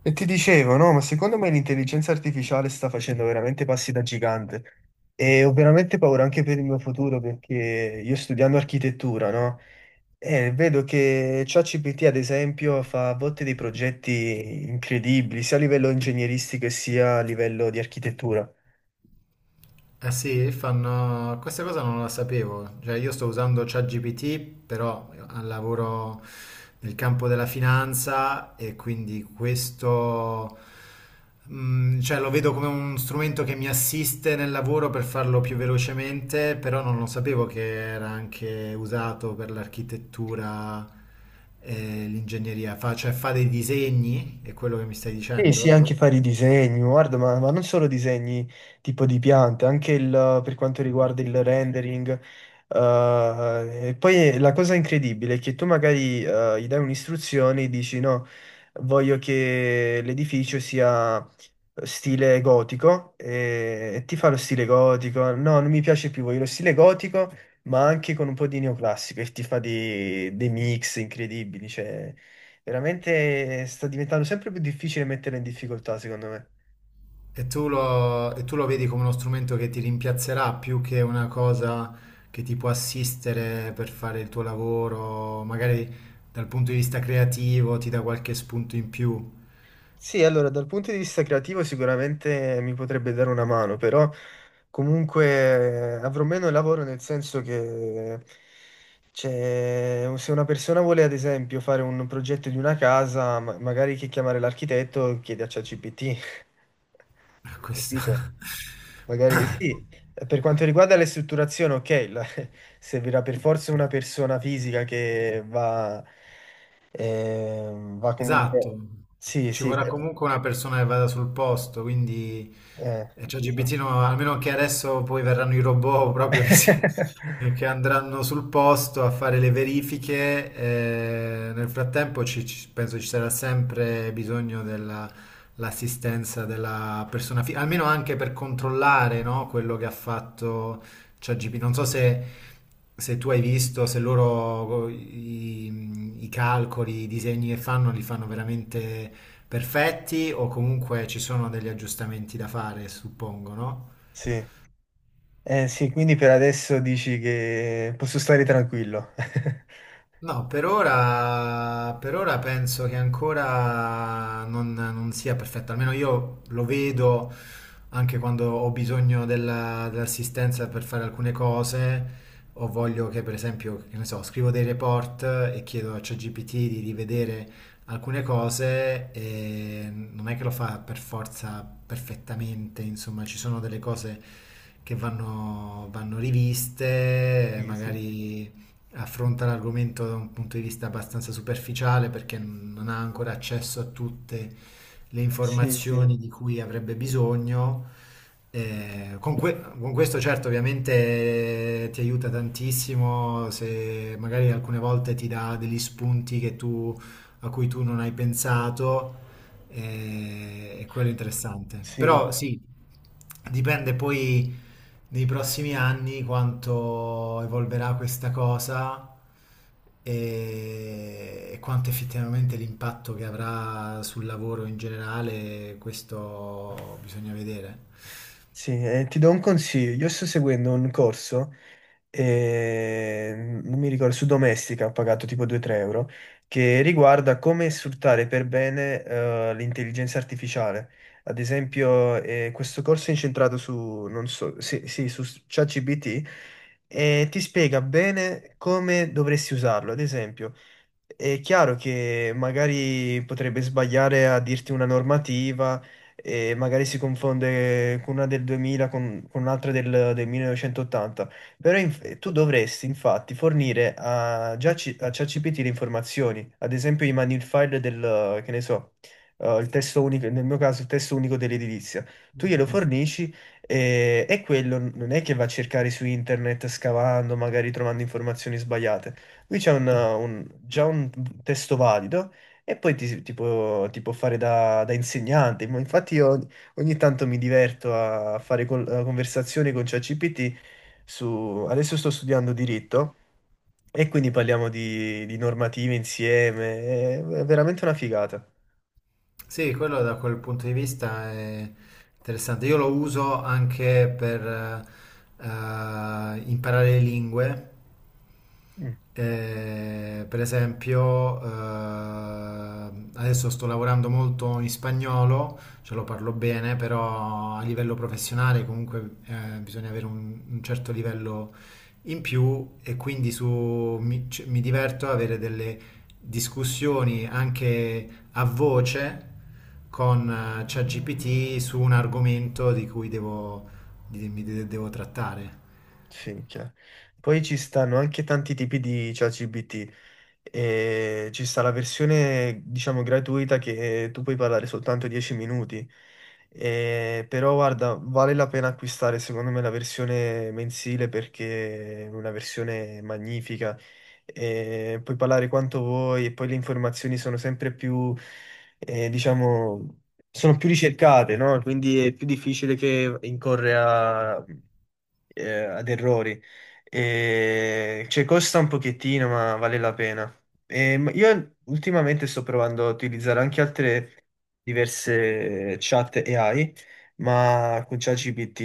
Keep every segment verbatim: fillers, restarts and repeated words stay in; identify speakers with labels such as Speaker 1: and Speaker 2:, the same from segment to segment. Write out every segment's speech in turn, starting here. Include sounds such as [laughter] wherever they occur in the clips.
Speaker 1: E ti dicevo, no, ma secondo me l'intelligenza artificiale sta facendo veramente passi da gigante e ho veramente paura anche per il mio futuro perché io studiando architettura, no? E vedo che ChatGPT, ad esempio, fa a volte dei progetti incredibili, sia a livello ingegneristico che sia a livello di architettura.
Speaker 2: Eh sì, fanno... questa cosa non la sapevo, cioè io sto usando ChatGPT, però al lavoro nel campo della finanza e quindi questo, mm, cioè lo vedo come un strumento che mi assiste nel lavoro per farlo più velocemente, però non lo sapevo che era anche usato per l'architettura e l'ingegneria, fa, cioè fa dei disegni, è quello che mi stai
Speaker 1: Sì, sì,
Speaker 2: dicendo?
Speaker 1: anche fare i disegni, guarda, ma, ma non solo disegni tipo di piante, anche il- per quanto riguarda il rendering. Eh, e poi la cosa incredibile è che tu magari eh, gli dai un'istruzione e dici no, voglio che l'edificio sia stile gotico e, e ti fa lo stile gotico, no, non mi piace più, voglio lo stile gotico, ma anche con un po' di neoclassico e ti fa dei, dei mix incredibili, cioè veramente sta diventando sempre più difficile metterla in difficoltà, secondo me.
Speaker 2: E tu lo, e tu lo vedi come uno strumento che ti rimpiazzerà più che una cosa che ti può assistere per fare il tuo lavoro, magari dal punto di vista creativo ti dà qualche spunto in più.
Speaker 1: Sì, allora, dal punto di vista creativo sicuramente mi potrebbe dare una mano, però comunque eh, avrò meno lavoro nel senso che cioè, se una persona vuole ad esempio fare un progetto di una casa, ma- magari che chiamare l'architetto chiede a ChatGPT.
Speaker 2: [laughs] Questo.
Speaker 1: Capito? Magari sì,
Speaker 2: [coughs]
Speaker 1: per quanto riguarda le strutturazioni, ok, la- [laughs] servirà per forza una persona fisica che va, ehm, va
Speaker 2: Esatto,
Speaker 1: comunque... Sì,
Speaker 2: ci
Speaker 1: sì,
Speaker 2: vorrà comunque una persona che vada sul posto, quindi
Speaker 1: eh,
Speaker 2: eh, ChatGPT,
Speaker 1: esatto.
Speaker 2: no, almeno che adesso poi verranno i robot [laughs] proprio che, si- [laughs]
Speaker 1: [laughs]
Speaker 2: che andranno sul posto a fare le verifiche, eh, nel frattempo ci- ci- penso ci sarà sempre bisogno dell'assistenza della persona, fi- almeno anche per controllare, no, quello che ha fatto ChatGPT, non so se, se tu hai visto, se loro i, i calcoli, i disegni che fanno li fanno veramente perfetti o comunque ci sono degli aggiustamenti da fare, suppongo, no?
Speaker 1: Sì. Eh, sì, quindi per adesso dici che posso stare tranquillo. [laughs]
Speaker 2: No, per ora, per ora penso che ancora non, non sia perfetto, almeno io lo vedo anche quando ho bisogno della- dell'assistenza per fare alcune cose, o voglio che, per esempio, che ne so, scrivo dei report e chiedo a ChatGPT di rivedere alcune cose, e non è che lo fa per forza perfettamente, insomma, ci sono delle cose che vanno, vanno riviste,
Speaker 1: Sì, sì.
Speaker 2: magari affronta l'argomento da un punto di vista abbastanza superficiale perché non ha ancora accesso a tutte le
Speaker 1: Sì, sì,
Speaker 2: informazioni di cui avrebbe bisogno. Eh, con, que- con questo certo ovviamente eh, ti aiuta tantissimo se magari alcune volte ti dà degli spunti che tu, a cui tu non hai pensato e, e quello è interessante.
Speaker 1: sì,
Speaker 2: Però sì, dipende poi nei prossimi anni quanto evolverà questa cosa e, e quanto effettivamente l'impatto che avrà sul lavoro in generale, questo bisogna vedere.
Speaker 1: sì. Eh, ti do un consiglio. Io sto seguendo un corso, eh, non mi ricordo, su Domestica ho pagato tipo due-tre euro, che riguarda come sfruttare per bene eh, l'intelligenza artificiale. Ad esempio, eh, questo corso è incentrato su, non so, sì, sì, su ChatGPT e ti spiega bene come dovresti usarlo. Ad esempio, è chiaro che magari potrebbe sbagliare a dirti una normativa e magari si confonde con una del duemila con, con un'altra del, del millenovecentottanta. Però inf- tu dovresti infatti fornire a, già ci- a ChatGPT le informazioni, ad esempio i manual file del, che ne so, eh, il testo unico, nel mio caso il testo unico dell'edilizia. Tu glielo fornisci e, e quello non è che va a cercare su internet scavando, magari trovando informazioni sbagliate. Lui c'è un- un- già un testo valido e poi ti, ti può, ti può fare da, da insegnante. Ma infatti io ogni tanto mi diverto a fare col- conversazioni con ChatGPT su... Adesso sto studiando diritto e quindi parliamo di, di normative insieme, è, è veramente una figata.
Speaker 2: Sì, quello da quel punto di vista è interessante. Io lo uso anche per eh, imparare le lingue.
Speaker 1: Mm,
Speaker 2: Eh, per esempio, eh, adesso sto lavorando molto in spagnolo, ce lo parlo bene, però a livello professionale comunque eh, bisogna avere un, un certo livello in più e quindi su- mi, c- mi diverto ad avere delle discussioni anche a voce con eh, ChatGPT su un argomento di cui devo, di- mi de- devo trattare.
Speaker 1: sì, minchia. Poi ci stanno anche tanti tipi di ChatGPT. E ci sta la versione, diciamo, gratuita che tu puoi parlare soltanto dieci minuti. Eh, però guarda, vale la pena acquistare secondo me la versione mensile perché è una versione magnifica. Eh, puoi parlare quanto vuoi e poi le informazioni sono sempre più, eh, diciamo, sono più ricercate, no? Quindi è più difficile che incorre a eh, ad errori. E, cioè, costa un pochettino, ma vale la pena. E, ma io ultimamente sto provando a utilizzare anche altre diverse chat A I, ma con ChatGPT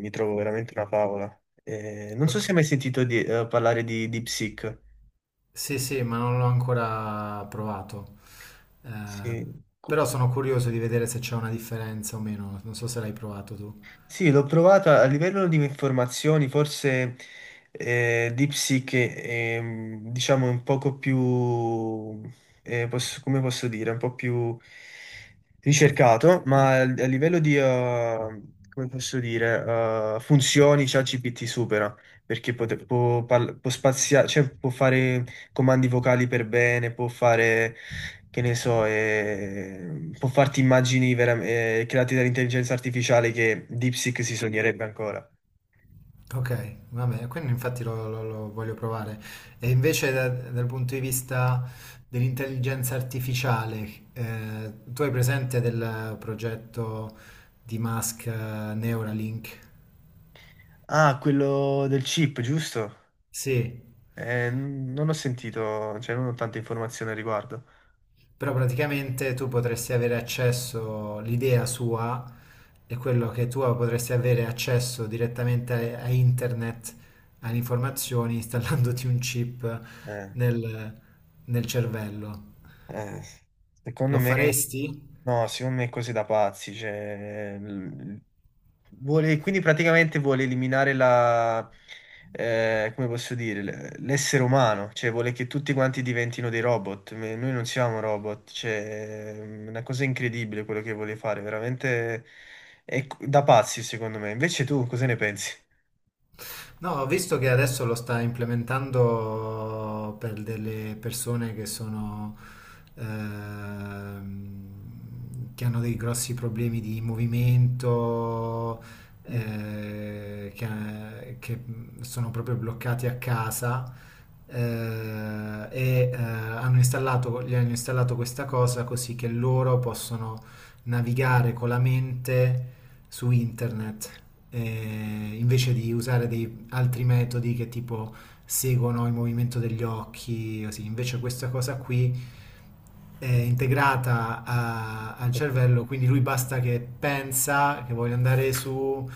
Speaker 1: mi trovo veramente una favola. E non so se hai mai sentito di- eh, parlare di DeepSeek.
Speaker 2: Sì, sì, ma non l'ho ancora provato. Eh,
Speaker 1: Sì.
Speaker 2: però sono curioso di vedere se c'è una differenza o meno. Non so se l'hai provato tu.
Speaker 1: Sì, l'ho provata a livello di informazioni, forse eh, DeepSeek è, ehm, diciamo, un poco più, eh, posso- come posso dire, un po' più ricercato, ma a a livello di, eh, come posso dire, eh, funzioni ChatGPT supera, perché pote- può, parla- può spaziare, cioè può fare comandi vocali per bene, può fare che ne so, eh, può farti immagini veram- eh, create dall'intelligenza artificiale che DeepSeek si sognerebbe ancora.
Speaker 2: Ok, vabbè, quindi infatti lo, lo- lo voglio provare. E invece da- dal punto di vista dell'intelligenza artificiale, eh, tu hai presente del progetto di Musk, eh, Neuralink?
Speaker 1: Ah, quello del chip, giusto?
Speaker 2: Sì,
Speaker 1: Eh, n- non ho sentito, cioè non ho tante informazioni al riguardo.
Speaker 2: però praticamente tu potresti avere accesso, l'idea sua è quello che tu potresti avere accesso direttamente a, a internet, alle informazioni, installandoti un chip
Speaker 1: Eh.
Speaker 2: nel nel cervello.
Speaker 1: Eh, secondo
Speaker 2: Lo
Speaker 1: me,
Speaker 2: faresti?
Speaker 1: no, secondo me è così da pazzi. Cioè, l- vuole, quindi praticamente vuole eliminare la, eh, come posso dire, l- l'essere umano, cioè vuole che tutti quanti diventino dei robot. Me- Noi non siamo robot, cioè, è una cosa incredibile quello che vuole fare, veramente è c- da pazzi, secondo me. Invece tu cosa ne pensi?
Speaker 2: No, ho visto che adesso lo sta implementando per delle persone che sono, ehm, che hanno dei grossi problemi di movimento,
Speaker 1: Mm.
Speaker 2: eh, che, che sono proprio bloccati a casa, eh, e eh, hanno installato, gli hanno installato questa cosa così che loro possono navigare con la mente su internet eh, invece di usare dei altri metodi che tipo seguono il movimento degli occhi, così. Invece questa cosa qui è integrata a- al cervello, quindi lui basta che pensa che voglio andare su,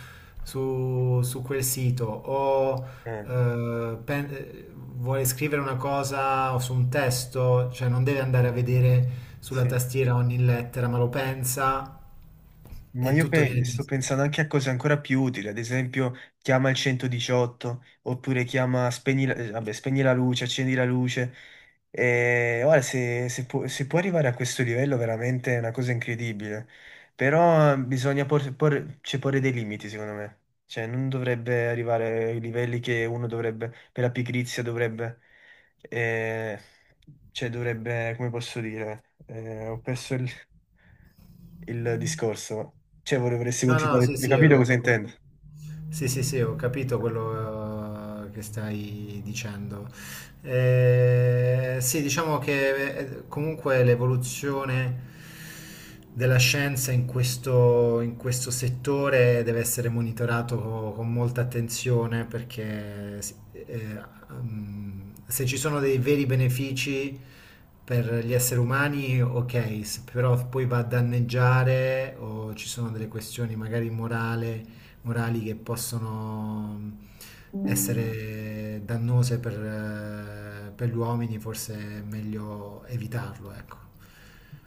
Speaker 2: su- su quel sito o
Speaker 1: Eh,
Speaker 2: eh, pen- eh, vuole scrivere una cosa o su un testo, cioè non deve andare a vedere sulla
Speaker 1: sì.
Speaker 2: tastiera ogni lettera, ma lo pensa
Speaker 1: Ma
Speaker 2: e
Speaker 1: io
Speaker 2: tutto viene
Speaker 1: pe- sto
Speaker 2: trasmesso.
Speaker 1: pensando anche a cose ancora più utili, ad esempio chiama il centodiciotto oppure chiama spegni la, eh, vabbè, spegni la luce, accendi la luce. E, guarda, se, se pu- se può arrivare a questo livello veramente è una cosa incredibile, però eh, bisogna por- por- cioè, porre dei limiti secondo me, cioè non dovrebbe arrivare ai livelli che uno dovrebbe, per la pigrizia dovrebbe, eh, cioè dovrebbe, come posso dire, eh, ho perso il il discorso. Cioè, vorrei- vorresti
Speaker 2: No, no,
Speaker 1: continuare,
Speaker 2: sì,
Speaker 1: hai
Speaker 2: sì,
Speaker 1: capito cosa
Speaker 2: ho, ho-
Speaker 1: intendo?
Speaker 2: sì, sì, sì, ho capito quello eh, che stai dicendo. Eh, sì, diciamo che eh, comunque l'evoluzione della scienza in questo, in questo settore deve essere monitorato co- con molta attenzione perché s- eh, mm, se ci sono dei veri benefici per gli esseri umani, ok, se però poi va a danneggiare o ci sono delle questioni magari morali morali che possono essere dannose per, eh, per gli uomini, forse è meglio evitarlo, ecco.